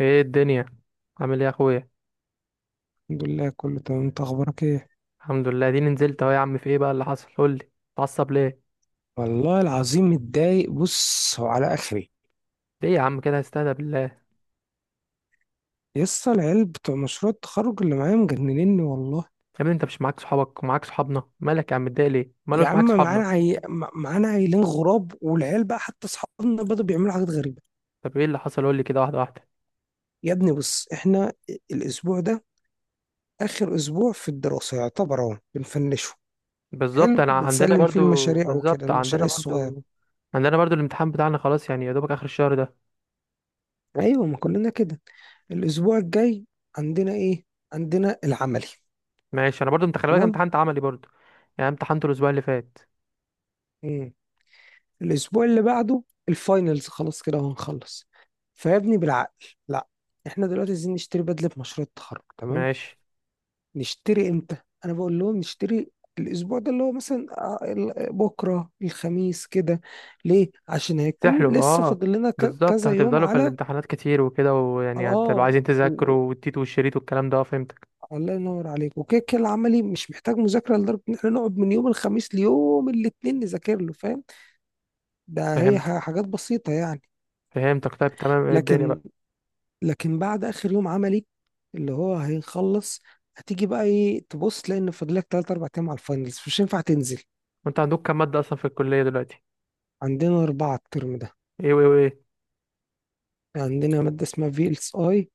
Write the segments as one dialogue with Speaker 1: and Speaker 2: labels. Speaker 1: ايه الدنيا؟ عامل ايه يا اخويا؟
Speaker 2: الحمد لله، كله تمام. انت اخبارك ايه؟
Speaker 1: الحمد لله دي نزلت اهو يا عم. في ايه بقى اللي حصل؟ قول لي، اتعصب ليه؟
Speaker 2: والله العظيم متضايق. بص، هو على اخري،
Speaker 1: ليه يا عم كده؟ استهدى بالله يا
Speaker 2: يسطا. العيال بتوع مشروع التخرج اللي معايا مجننني والله.
Speaker 1: ابني. انت مش معاك صحابك ومعاك صحابنا؟ مالك يا عم متضايق ليه؟ ماله
Speaker 2: يا
Speaker 1: مش
Speaker 2: عم،
Speaker 1: معاك صحابنا؟
Speaker 2: معانا معانا عيلين غراب، والعيال بقى حتى اصحابنا بدأوا بيعملوا حاجات غريبة.
Speaker 1: طب ايه اللي حصل؟ قول لي كده واحده واحده.
Speaker 2: يا ابني بص، احنا الاسبوع ده اخر اسبوع في الدراسة يعتبر، اهو بنفنشه.
Speaker 1: بالظبط،
Speaker 2: حلو،
Speaker 1: انا عندنا
Speaker 2: بنسلم فيه
Speaker 1: برضو
Speaker 2: المشاريع وكده،
Speaker 1: بالظبط،
Speaker 2: المشاريع
Speaker 1: عندنا
Speaker 2: الصغيرة.
Speaker 1: برضو. عندنا برضو الامتحان بتاعنا خلاص، يعني يا دوبك اخر الشهر ده.
Speaker 2: ايوه، ما كلنا كده. الاسبوع الجاي عندنا ايه؟ عندنا العملي.
Speaker 1: ماشي، انا برضو. انت خلي بالك،
Speaker 2: تمام،
Speaker 1: امتحنت عملي برضو. يعني امتحنته الاسبوع اللي فات.
Speaker 2: الاسبوع اللي بعده الفاينلز، خلاص كده وهنخلص. فيا ابني بالعقل، لا، احنا دلوقتي عايزين نشتري بدله مشروع التخرج، تمام؟
Speaker 1: ماشي.
Speaker 2: نشتري امتى؟ انا بقول لهم نشتري الاسبوع ده، اللي هو مثلا بكره الخميس كده. ليه؟ عشان هيكون
Speaker 1: سحلو،
Speaker 2: لسه
Speaker 1: اه.
Speaker 2: فاضل لنا
Speaker 1: بالظبط،
Speaker 2: كذا يوم
Speaker 1: هتفضلوا في
Speaker 2: على
Speaker 1: الامتحانات كتير وكده، ويعني هتبقى عايزين
Speaker 2: اه و-
Speaker 1: تذاكروا والتيت والشريط والكلام ده. فهمتك.
Speaker 2: الله ينور عليك. وكده كده العملي مش محتاج مذاكره لدرجه ان احنا نقعد من يوم الخميس ليوم الاثنين نذاكر له، فاهم؟ ده هي
Speaker 1: فهمتك،
Speaker 2: حاجات بسيطه يعني.
Speaker 1: فهمتك. طيب تمام. ايه الدنيا بقى؟
Speaker 2: لكن لكن بعد اخر يوم عملي اللي هو هيخلص، هتيجي بقى ايه، تبص لان فاضلك 3 4 ايام على الفاينلز، مش هينفع تنزل.
Speaker 1: وانت عندك كام مادة اصلا في الكلية دلوقتي؟
Speaker 2: عندنا اربعه الترم ده.
Speaker 1: ايه وايه وايه؟
Speaker 2: عندنا ماده اسمها VLSI،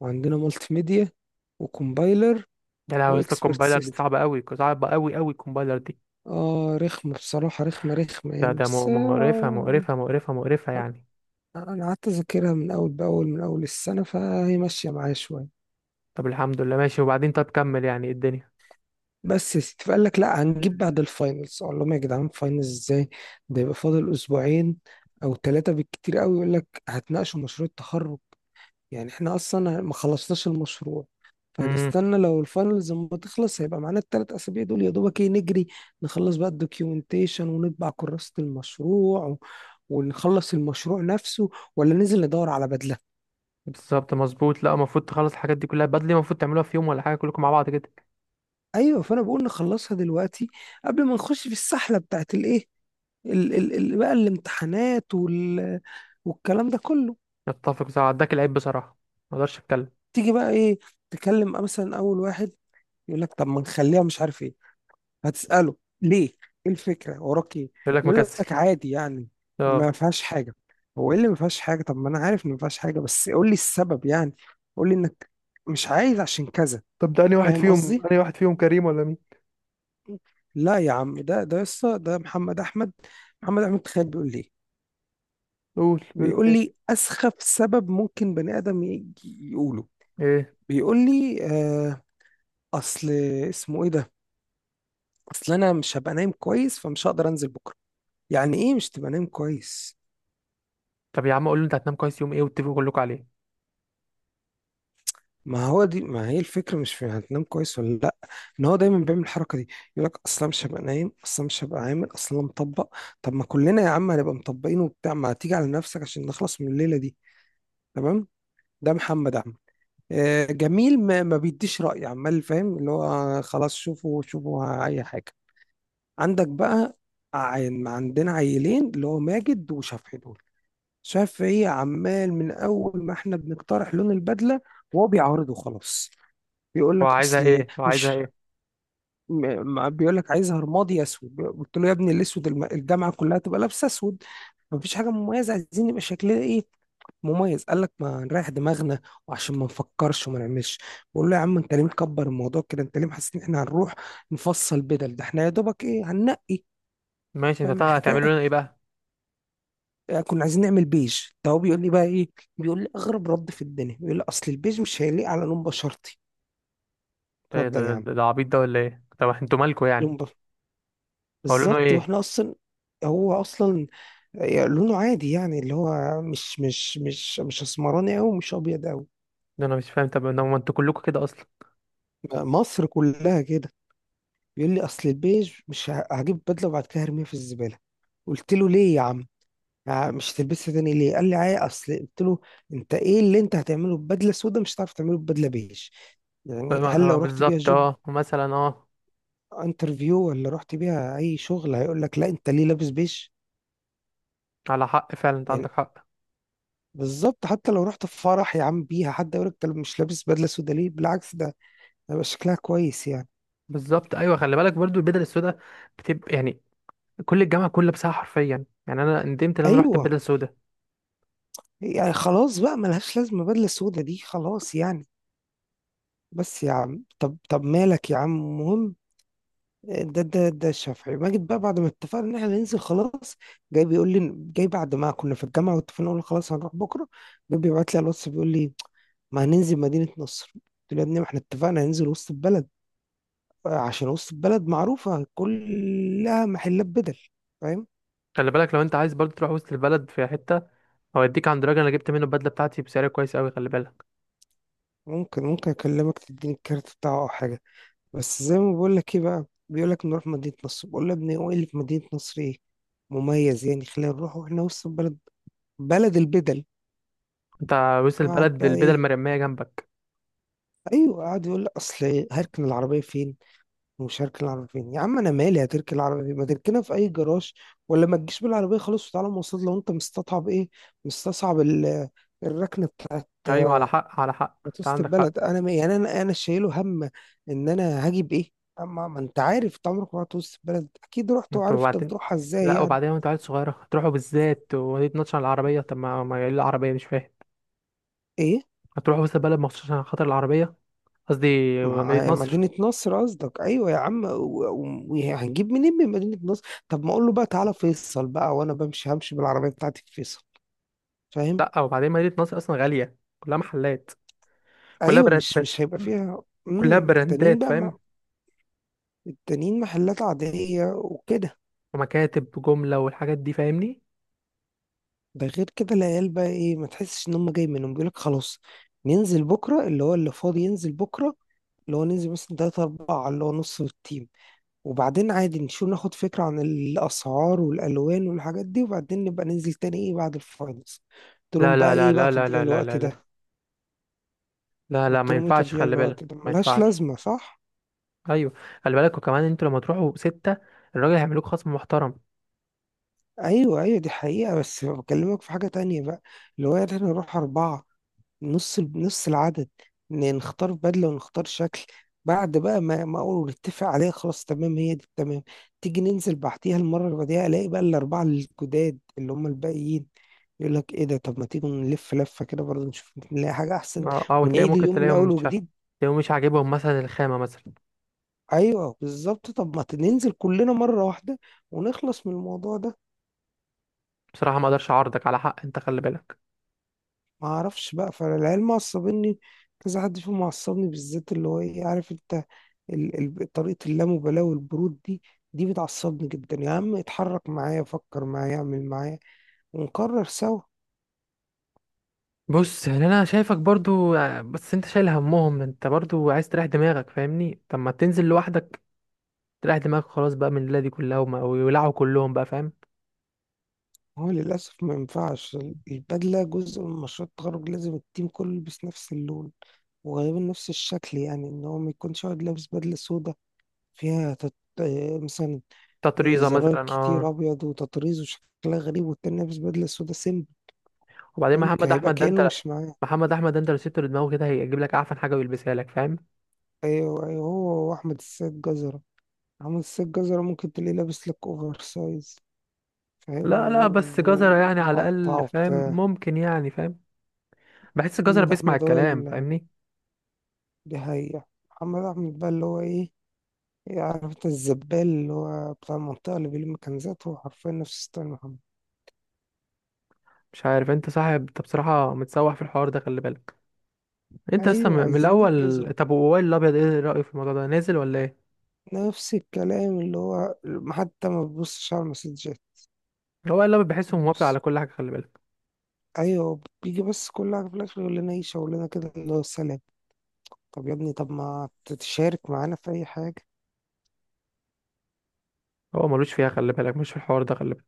Speaker 2: وعندنا مالتي ميديا، وكومبايلر،
Speaker 1: ده لا يا اسطى،
Speaker 2: واكسبرت
Speaker 1: الكومبايلر دي
Speaker 2: سيستم.
Speaker 1: صعبة قوي، صعبة قوي قوي الكومبايلر دي.
Speaker 2: اه رخمه بصراحه، رخمه رخمه يعني، بس
Speaker 1: مقرفة، مقرفة، مقرفة، مقرفة يعني.
Speaker 2: انا قعدت اذاكرها من اول باول من اول السنه، فهي ماشيه معايا شويه.
Speaker 1: طب الحمد لله ماشي. وبعدين طب كمل، يعني ايه الدنيا؟
Speaker 2: بس يا ستي، فقال لك لا، هنجيب بعد الفاينلز. اقول لهم يا جدعان فاينلز ازاي؟ ده يبقى فاضل اسبوعين او ثلاثه بالكتير قوي. يقول لك هتناقشوا مشروع التخرج. يعني احنا اصلا ما خلصناش المشروع،
Speaker 1: امم
Speaker 2: فهنستنى لو الفاينلز لما تخلص هيبقى معانا الثلاث اسابيع دول، يا دوبك ايه، نجري نخلص بقى الدوكيومنتيشن ونطبع كراسه المشروع ونخلص المشروع نفسه، ولا ننزل ندور على بدله؟
Speaker 1: بالظبط، مظبوط. لا، المفروض تخلص الحاجات دي كلها بدري. المفروض تعملوها في يوم ولا حاجة كلكم مع بعض كده.
Speaker 2: ايوه، فانا بقول نخلصها دلوقتي قبل ما نخش في السحله بتاعت الايه، ال ال ال بقى الامتحانات والكلام ده كله.
Speaker 1: نتفق صح. اداك العيب بصراحة، ما اقدرش اتكلم.
Speaker 2: تيجي بقى ايه، تكلم مثلا اول واحد، يقول لك طب ما نخليها مش عارف ايه. هتسأله ليه، ايه الفكرة، وراك ايه؟
Speaker 1: يقول لك
Speaker 2: يقول
Speaker 1: مكسل.
Speaker 2: لك عادي يعني،
Speaker 1: اه.
Speaker 2: ما فيهاش حاجة. هو ايه اللي ما فيهاش حاجة؟ طب ما انا عارف ان ما فيهاش حاجة، بس قول لي السبب يعني، قول لي انك مش عايز عشان كذا،
Speaker 1: طب ده انهي واحد
Speaker 2: فاهم
Speaker 1: فيهم؟
Speaker 2: قصدي؟
Speaker 1: انهي واحد فيهم، كريم ولا مين؟
Speaker 2: لا يا عم، ده يسطا، ده محمد احمد. محمد احمد تخيل بيقول لي إيه؟
Speaker 1: قول، بيقول لك
Speaker 2: بيقول
Speaker 1: ايه؟
Speaker 2: لي اسخف سبب ممكن بني ادم يقوله.
Speaker 1: ايه؟
Speaker 2: بيقول لي اصل، اسمه ايه ده، اصل انا مش هبقى نايم كويس فمش هقدر انزل بكره. يعني ايه مش تبقى نايم كويس؟
Speaker 1: طب يا عم قول له انت هتنام كويس يوم ايه، واتفقوا كلكم عليه.
Speaker 2: ما هو دي، ما هي الفكره، مش في هتنام كويس ولا لا، ان هو دايما بيعمل الحركه دي، يقول لك اصل أنا مش هبقى نايم، اصل أنا مش هبقى عامل، اصل أنا مطبق. طب ما كلنا يا عم هنبقى مطبقين وبتاع، ما تيجي على نفسك عشان نخلص من الليله دي، تمام؟ ده محمد عم. جميل، ما بيديش رأي، عمال فاهم اللي هو خلاص، شوفوا شوفوا اي حاجه عندك بقى. عندنا عيلين اللي هو ماجد وشفحي دول. شفعي عمال من اول ما احنا بنقترح لون البدله وهو بيعارضه، خلاص. بيقول
Speaker 1: هو
Speaker 2: لك
Speaker 1: عايزها
Speaker 2: اصل
Speaker 1: ايه؟ هو
Speaker 2: مش
Speaker 1: عايزها ايه؟
Speaker 2: ما بيقول لك عايزها رمادي اسود. قلت له يا ابني الاسود، الجامعه كلها تبقى لابسه اسود، مفيش حاجه مميزه. عايزين يبقى شكلنا ايه، مميز. قال لك ما نريح دماغنا وعشان ما نفكرش وما نعملش. بقول له يا عم، انت ليه مكبر الموضوع كده؟ انت ليه حاسس ان احنا هنروح نفصل بدل؟ ده احنا يا دوبك ايه، هننقي،
Speaker 1: ماشي.
Speaker 2: فاهم
Speaker 1: هتعملوا
Speaker 2: الحكايه؟
Speaker 1: لنا ايه بقى؟
Speaker 2: كنا عايزين نعمل بيج، فهو بيقول لي بقى ايه، بيقول لي اغرب رد في الدنيا، بيقول لي اصل البيج مش هيليق على لون بشرتي. اتفضل يا عم،
Speaker 1: ده عبيط ده ولا ايه؟ طب انتوا مالكوا يعني؟
Speaker 2: لون بشرتي.
Speaker 1: هقول لهم
Speaker 2: بالظبط،
Speaker 1: ايه؟
Speaker 2: واحنا اصلا، هو اصلا لونه عادي يعني، اللي هو مش اسمراني قوي ومش ابيض قوي،
Speaker 1: ده انا مش فاهم. طب ما انتوا كلكم كده اصلا.
Speaker 2: مصر كلها كده. بيقول لي اصل البيج مش هجيب بدله وبعد كده هرميها في الزباله. قلت له ليه يا عم، مش هتلبسها تاني ليه؟ قال لي اصل. قلت له انت ايه اللي انت هتعمله ببدله سودا مش هتعرف تعمله ببدله بيج؟ يعني هل لو رحت بيها
Speaker 1: بالظبط،
Speaker 2: جوب
Speaker 1: اه، مثلا، اه.
Speaker 2: انترفيو ولا رحت بيها اي شغل هيقول لك لا انت ليه لابس بيج؟
Speaker 1: على حق فعلا، انت
Speaker 2: يعني
Speaker 1: عندك حق.
Speaker 2: بالظبط. حتى لو رحت في فرح يا عم بيها، حد يقول لك انت مش لابس بدله سودا ليه؟ بالعكس، ده هيبقى شكلها كويس يعني.
Speaker 1: بالظبط، ايوه. خلي بالك برضو البدل السوداء بتبقى يعني كل الجامعه كلها لابسها حرفيا. يعني انا ندمت ان انا رحت
Speaker 2: ايوه،
Speaker 1: البدل السوداء.
Speaker 2: يعني خلاص بقى، ملهاش لازمه بدله سودا دي، خلاص يعني. بس يا عم، طب مالك يا عم، المهم، ده الشافعي ماجد بقى، بعد ما اتفقنا ان احنا ننزل خلاص، جاي بيقول لي، جاي بعد ما كنا في الجامعه واتفقنا قلنا خلاص هنروح بكره، جاي بيبعت لي على الواتس بيقول لي ما هننزل مدينه نصر. قلت له يا ابني ما احنا اتفقنا هننزل وسط البلد، عشان وسط البلد معروفه كلها محلات بدل، فاهم؟
Speaker 1: خلي بالك، لو انت عايز برضه تروح وسط البلد، في حته هوديك عند راجل انا جبت منه البدله بتاعتي بسعر كويس قوي، خلي بالك.
Speaker 2: ممكن اكلمك تديني الكارت بتاعه او حاجه. بس زي ما بقول لك، ايه بقى، بيقول لك نروح مدينه نصر. بقول له يا ابني هو ايه اللي في مدينه نصر، ايه مميز يعني؟ خلينا نروح واحنا وسط البلد، بلد البدل.
Speaker 1: انت وسط
Speaker 2: قعد
Speaker 1: البلد
Speaker 2: بقى
Speaker 1: البدل
Speaker 2: ايه،
Speaker 1: المرميه جنبك.
Speaker 2: ايوه، قعد يقول لي اصل هركن العربيه فين. ومش هركن العربيه فين يا عم، انا مالي هتركن العربيه فين، ما تركنها في اي جراج، ولا ما تجيش بالعربيه خلاص وتعالى مواصلات، لو انت مستصعب ايه، مستصعب الركنه بتاعت
Speaker 1: ايوه، على حق، على حق، انت
Speaker 2: مدرسه
Speaker 1: عندك حق.
Speaker 2: البلد. انا يعني انا شايله هم ان انا هجيب ايه؟ اما ما انت عارف، انت عمرك ما رحت وسط البلد؟ اكيد رحت
Speaker 1: انت
Speaker 2: وعارف انت
Speaker 1: وبعدين،
Speaker 2: بتروحها ازاي
Speaker 1: لا
Speaker 2: يعني،
Speaker 1: وبعدين، وانت عيل صغيره هتروحوا بالذات ودي تنطش على العربيه؟ طب ما يقول العربيه مش فاهم.
Speaker 2: ايه؟
Speaker 1: هتروحوا وسط البلد مخصوص عشان خاطر العربيه؟ قصدي مدينه
Speaker 2: مع آه،
Speaker 1: نصر.
Speaker 2: مدينة نصر قصدك؟ أيوة يا عم، وهنجيب منين من مدينة نصر؟ طب ما أقول له بقى تعالى فيصل بقى، وأنا بمشي همشي بالعربية بتاعتي في فيصل، فاهم؟
Speaker 1: لا وبعدين مدينه نصر اصلا غاليه، كلها محلات، كلها
Speaker 2: أيوة، مش
Speaker 1: براندات،
Speaker 2: مش هيبقى فيها.
Speaker 1: كلها
Speaker 2: التانيين
Speaker 1: براندات،
Speaker 2: بقى ما...
Speaker 1: فاهم؟
Speaker 2: التانيين محلات عادية وكده.
Speaker 1: ومكاتب جمله والحاجات دي، فاهمني؟
Speaker 2: ده غير كده العيال بقى إيه، ما تحسش إن هم جاي منهم بيقولك خلاص ننزل بكرة، اللي هو اللي فاضي ينزل بكرة، اللي هو ننزل مثلا تلاتة أربعة، اللي هو نص التيم، وبعدين عادي نشوف ناخد فكرة عن الأسعار والألوان والحاجات دي، وبعدين نبقى ننزل تاني إيه، بعد الفاينلز. قلت
Speaker 1: لا
Speaker 2: لهم بقى
Speaker 1: لا لا
Speaker 2: إيه بقى
Speaker 1: لا
Speaker 2: تضييع
Speaker 1: لا لا
Speaker 2: الوقت
Speaker 1: لا لا،
Speaker 2: ده؟
Speaker 1: لا لا،
Speaker 2: قلت
Speaker 1: ما
Speaker 2: لهم إيه
Speaker 1: ينفعش،
Speaker 2: تضييع
Speaker 1: خلي بالك،
Speaker 2: الوقت ده،
Speaker 1: ما
Speaker 2: ملهاش
Speaker 1: ينفعش.
Speaker 2: لازمة، صح؟
Speaker 1: ايوه. خلي بالك، وكمان انتوا لما تروحوا ستة، الراجل هيعملوك خصم محترم.
Speaker 2: ايوه، ايوه، دي حقيقة. بس بكلمك في حاجة تانية بقى، اللي هو يعني احنا نروح أربعة، نص نص العدد، نختار بدلة ونختار شكل، بعد بقى ما اقول نتفق عليها خلاص، تمام هي دي، تمام. تيجي ننزل بعديها، المرة اللي بعديها الاقي بقى الأربعة الجداد اللي هم الباقيين يقول لك ايه ده، طب ما تيجوا نلف لفة كده برضه، نشوف ممكن نلاقي حاجة أحسن،
Speaker 1: اه اه، وتلاقيه
Speaker 2: ونعيد
Speaker 1: ممكن
Speaker 2: اليوم من أول وجديد.
Speaker 1: تلاقيهم مش عاجبهم مثلا الخامة مثلا.
Speaker 2: أيوه بالظبط، طب ما ننزل كلنا مرة واحدة ونخلص من الموضوع ده.
Speaker 1: بصراحة ما اقدرش اعارضك، على حق انت، خلي بالك.
Speaker 2: ما اعرفش بقى، فالعيال معصبني، كذا حد فيهم معصبني بالذات، اللي هو ايه عارف انت، ال... طريقة اللامبالاة والبرود دي، دي بتعصبني جدا يا عم. اتحرك معايا، فكر معايا، اعمل معايا، ونقرر سوا.
Speaker 1: بص يعني، انا شايفك برضو، بس انت شايل همهم، انت برضو عايز تريح دماغك، فاهمني؟ طب ما تنزل لوحدك، تريح دماغك خلاص بقى من الليلة دي كلها، ويولعوا كلهم بقى، فاهم؟
Speaker 2: هو للأسف ما ينفعش، البدلة جزء من مشروع التخرج، لازم التيم كله يلبس نفس اللون وغالبا نفس الشكل، يعني ان هو ما يكونش واحد لابس بدلة سودا فيها مثلا
Speaker 1: تطريزة
Speaker 2: زرار
Speaker 1: مثلا، اه.
Speaker 2: كتير ابيض وتطريز وشكلها غريب، والتاني لابس بدلة سودا سيمبل،
Speaker 1: وبعدين
Speaker 2: ممكن
Speaker 1: محمد
Speaker 2: هيبقى
Speaker 1: احمد ده،
Speaker 2: كأنه
Speaker 1: انت
Speaker 2: مش معاه.
Speaker 1: محمد احمد ده انت لو سبته لدماغه كده هيجيب لك اعفن حاجة ويلبسها لك، فاهم؟
Speaker 2: ايوه، ايوه، هو واحمد السيد جزرة، احمد السيد جزرة ممكن تلاقيه لابس لك اوفر سايز، فاهم،
Speaker 1: لا لا، بس جزرة يعني على
Speaker 2: ومقطع
Speaker 1: الأقل فاهم،
Speaker 2: وبتاع.
Speaker 1: ممكن يعني فاهم. بحس الجزرة
Speaker 2: محمد
Speaker 1: بيسمع
Speaker 2: احمد هو
Speaker 1: الكلام،
Speaker 2: اللي
Speaker 1: فاهمني؟
Speaker 2: بيهيع، محمد احمد بقى اللي هو ايه، إيه، عارف انت الزبال اللي هو بتاع المنطقة اللي بيلم كنزات، هو حرفيا نفس ستايل محمد.
Speaker 1: مش عارف انت صاحب، انت بصراحة متسوح في الحوار ده، خلي بالك. انت اصلا
Speaker 2: ايوه
Speaker 1: من
Speaker 2: عايزين
Speaker 1: الأول.
Speaker 2: ننجزه،
Speaker 1: طب وائل الأبيض ايه رأيه في الموضوع ده؟ نازل ولا ايه؟
Speaker 2: نفس الكلام، اللي هو حتى ما بيبصش على المسجات.
Speaker 1: هو وائل الأبيض بحسه موافق
Speaker 2: بيبص،
Speaker 1: على كل حاجة، خلي بالك.
Speaker 2: ايوه، بيجي، بس كل حاجة في الاخر يقول لنا ايه، شاور لنا كده اللي هو سلام. طب يا ابني، طب ما تتشارك معانا في أي حاجة.
Speaker 1: هو ملوش فيها، خلي بالك، مش في الحوار ده، خلي بالك.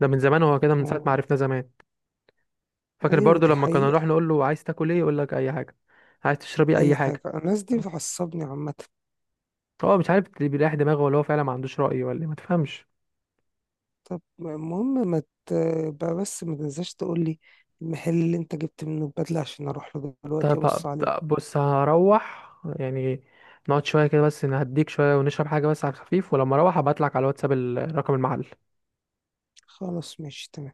Speaker 1: ده من زمان هو كده، من ساعة ما
Speaker 2: أه،
Speaker 1: عرفنا زمان. فاكر
Speaker 2: أيوة
Speaker 1: برضو
Speaker 2: دي
Speaker 1: لما كنا
Speaker 2: حقيقة.
Speaker 1: نروح نقول له عايز تاكل ايه، يقول لك أي حاجة. عايز تشربي أي
Speaker 2: أي حاجة،
Speaker 1: حاجة.
Speaker 2: الناس دي بتعصبني عامة.
Speaker 1: هو مش عارف اللي بيريح دماغه، ولا هو فعلا ما عندوش رأي، ولا ما تفهمش.
Speaker 2: طب المهم، ما تبقى بس ما تنساش تقول لي المحل اللي أنت جبت منه البدلة عشان أروح له دلوقتي
Speaker 1: طب
Speaker 2: أبص عليه.
Speaker 1: بص، هروح يعني نقعد شوية كده بس، نهديك شوية ونشرب حاجة بس على الخفيف، ولما اروح هبعتلك على الواتساب رقم المحل.
Speaker 2: خلاص، ماشي، تمام.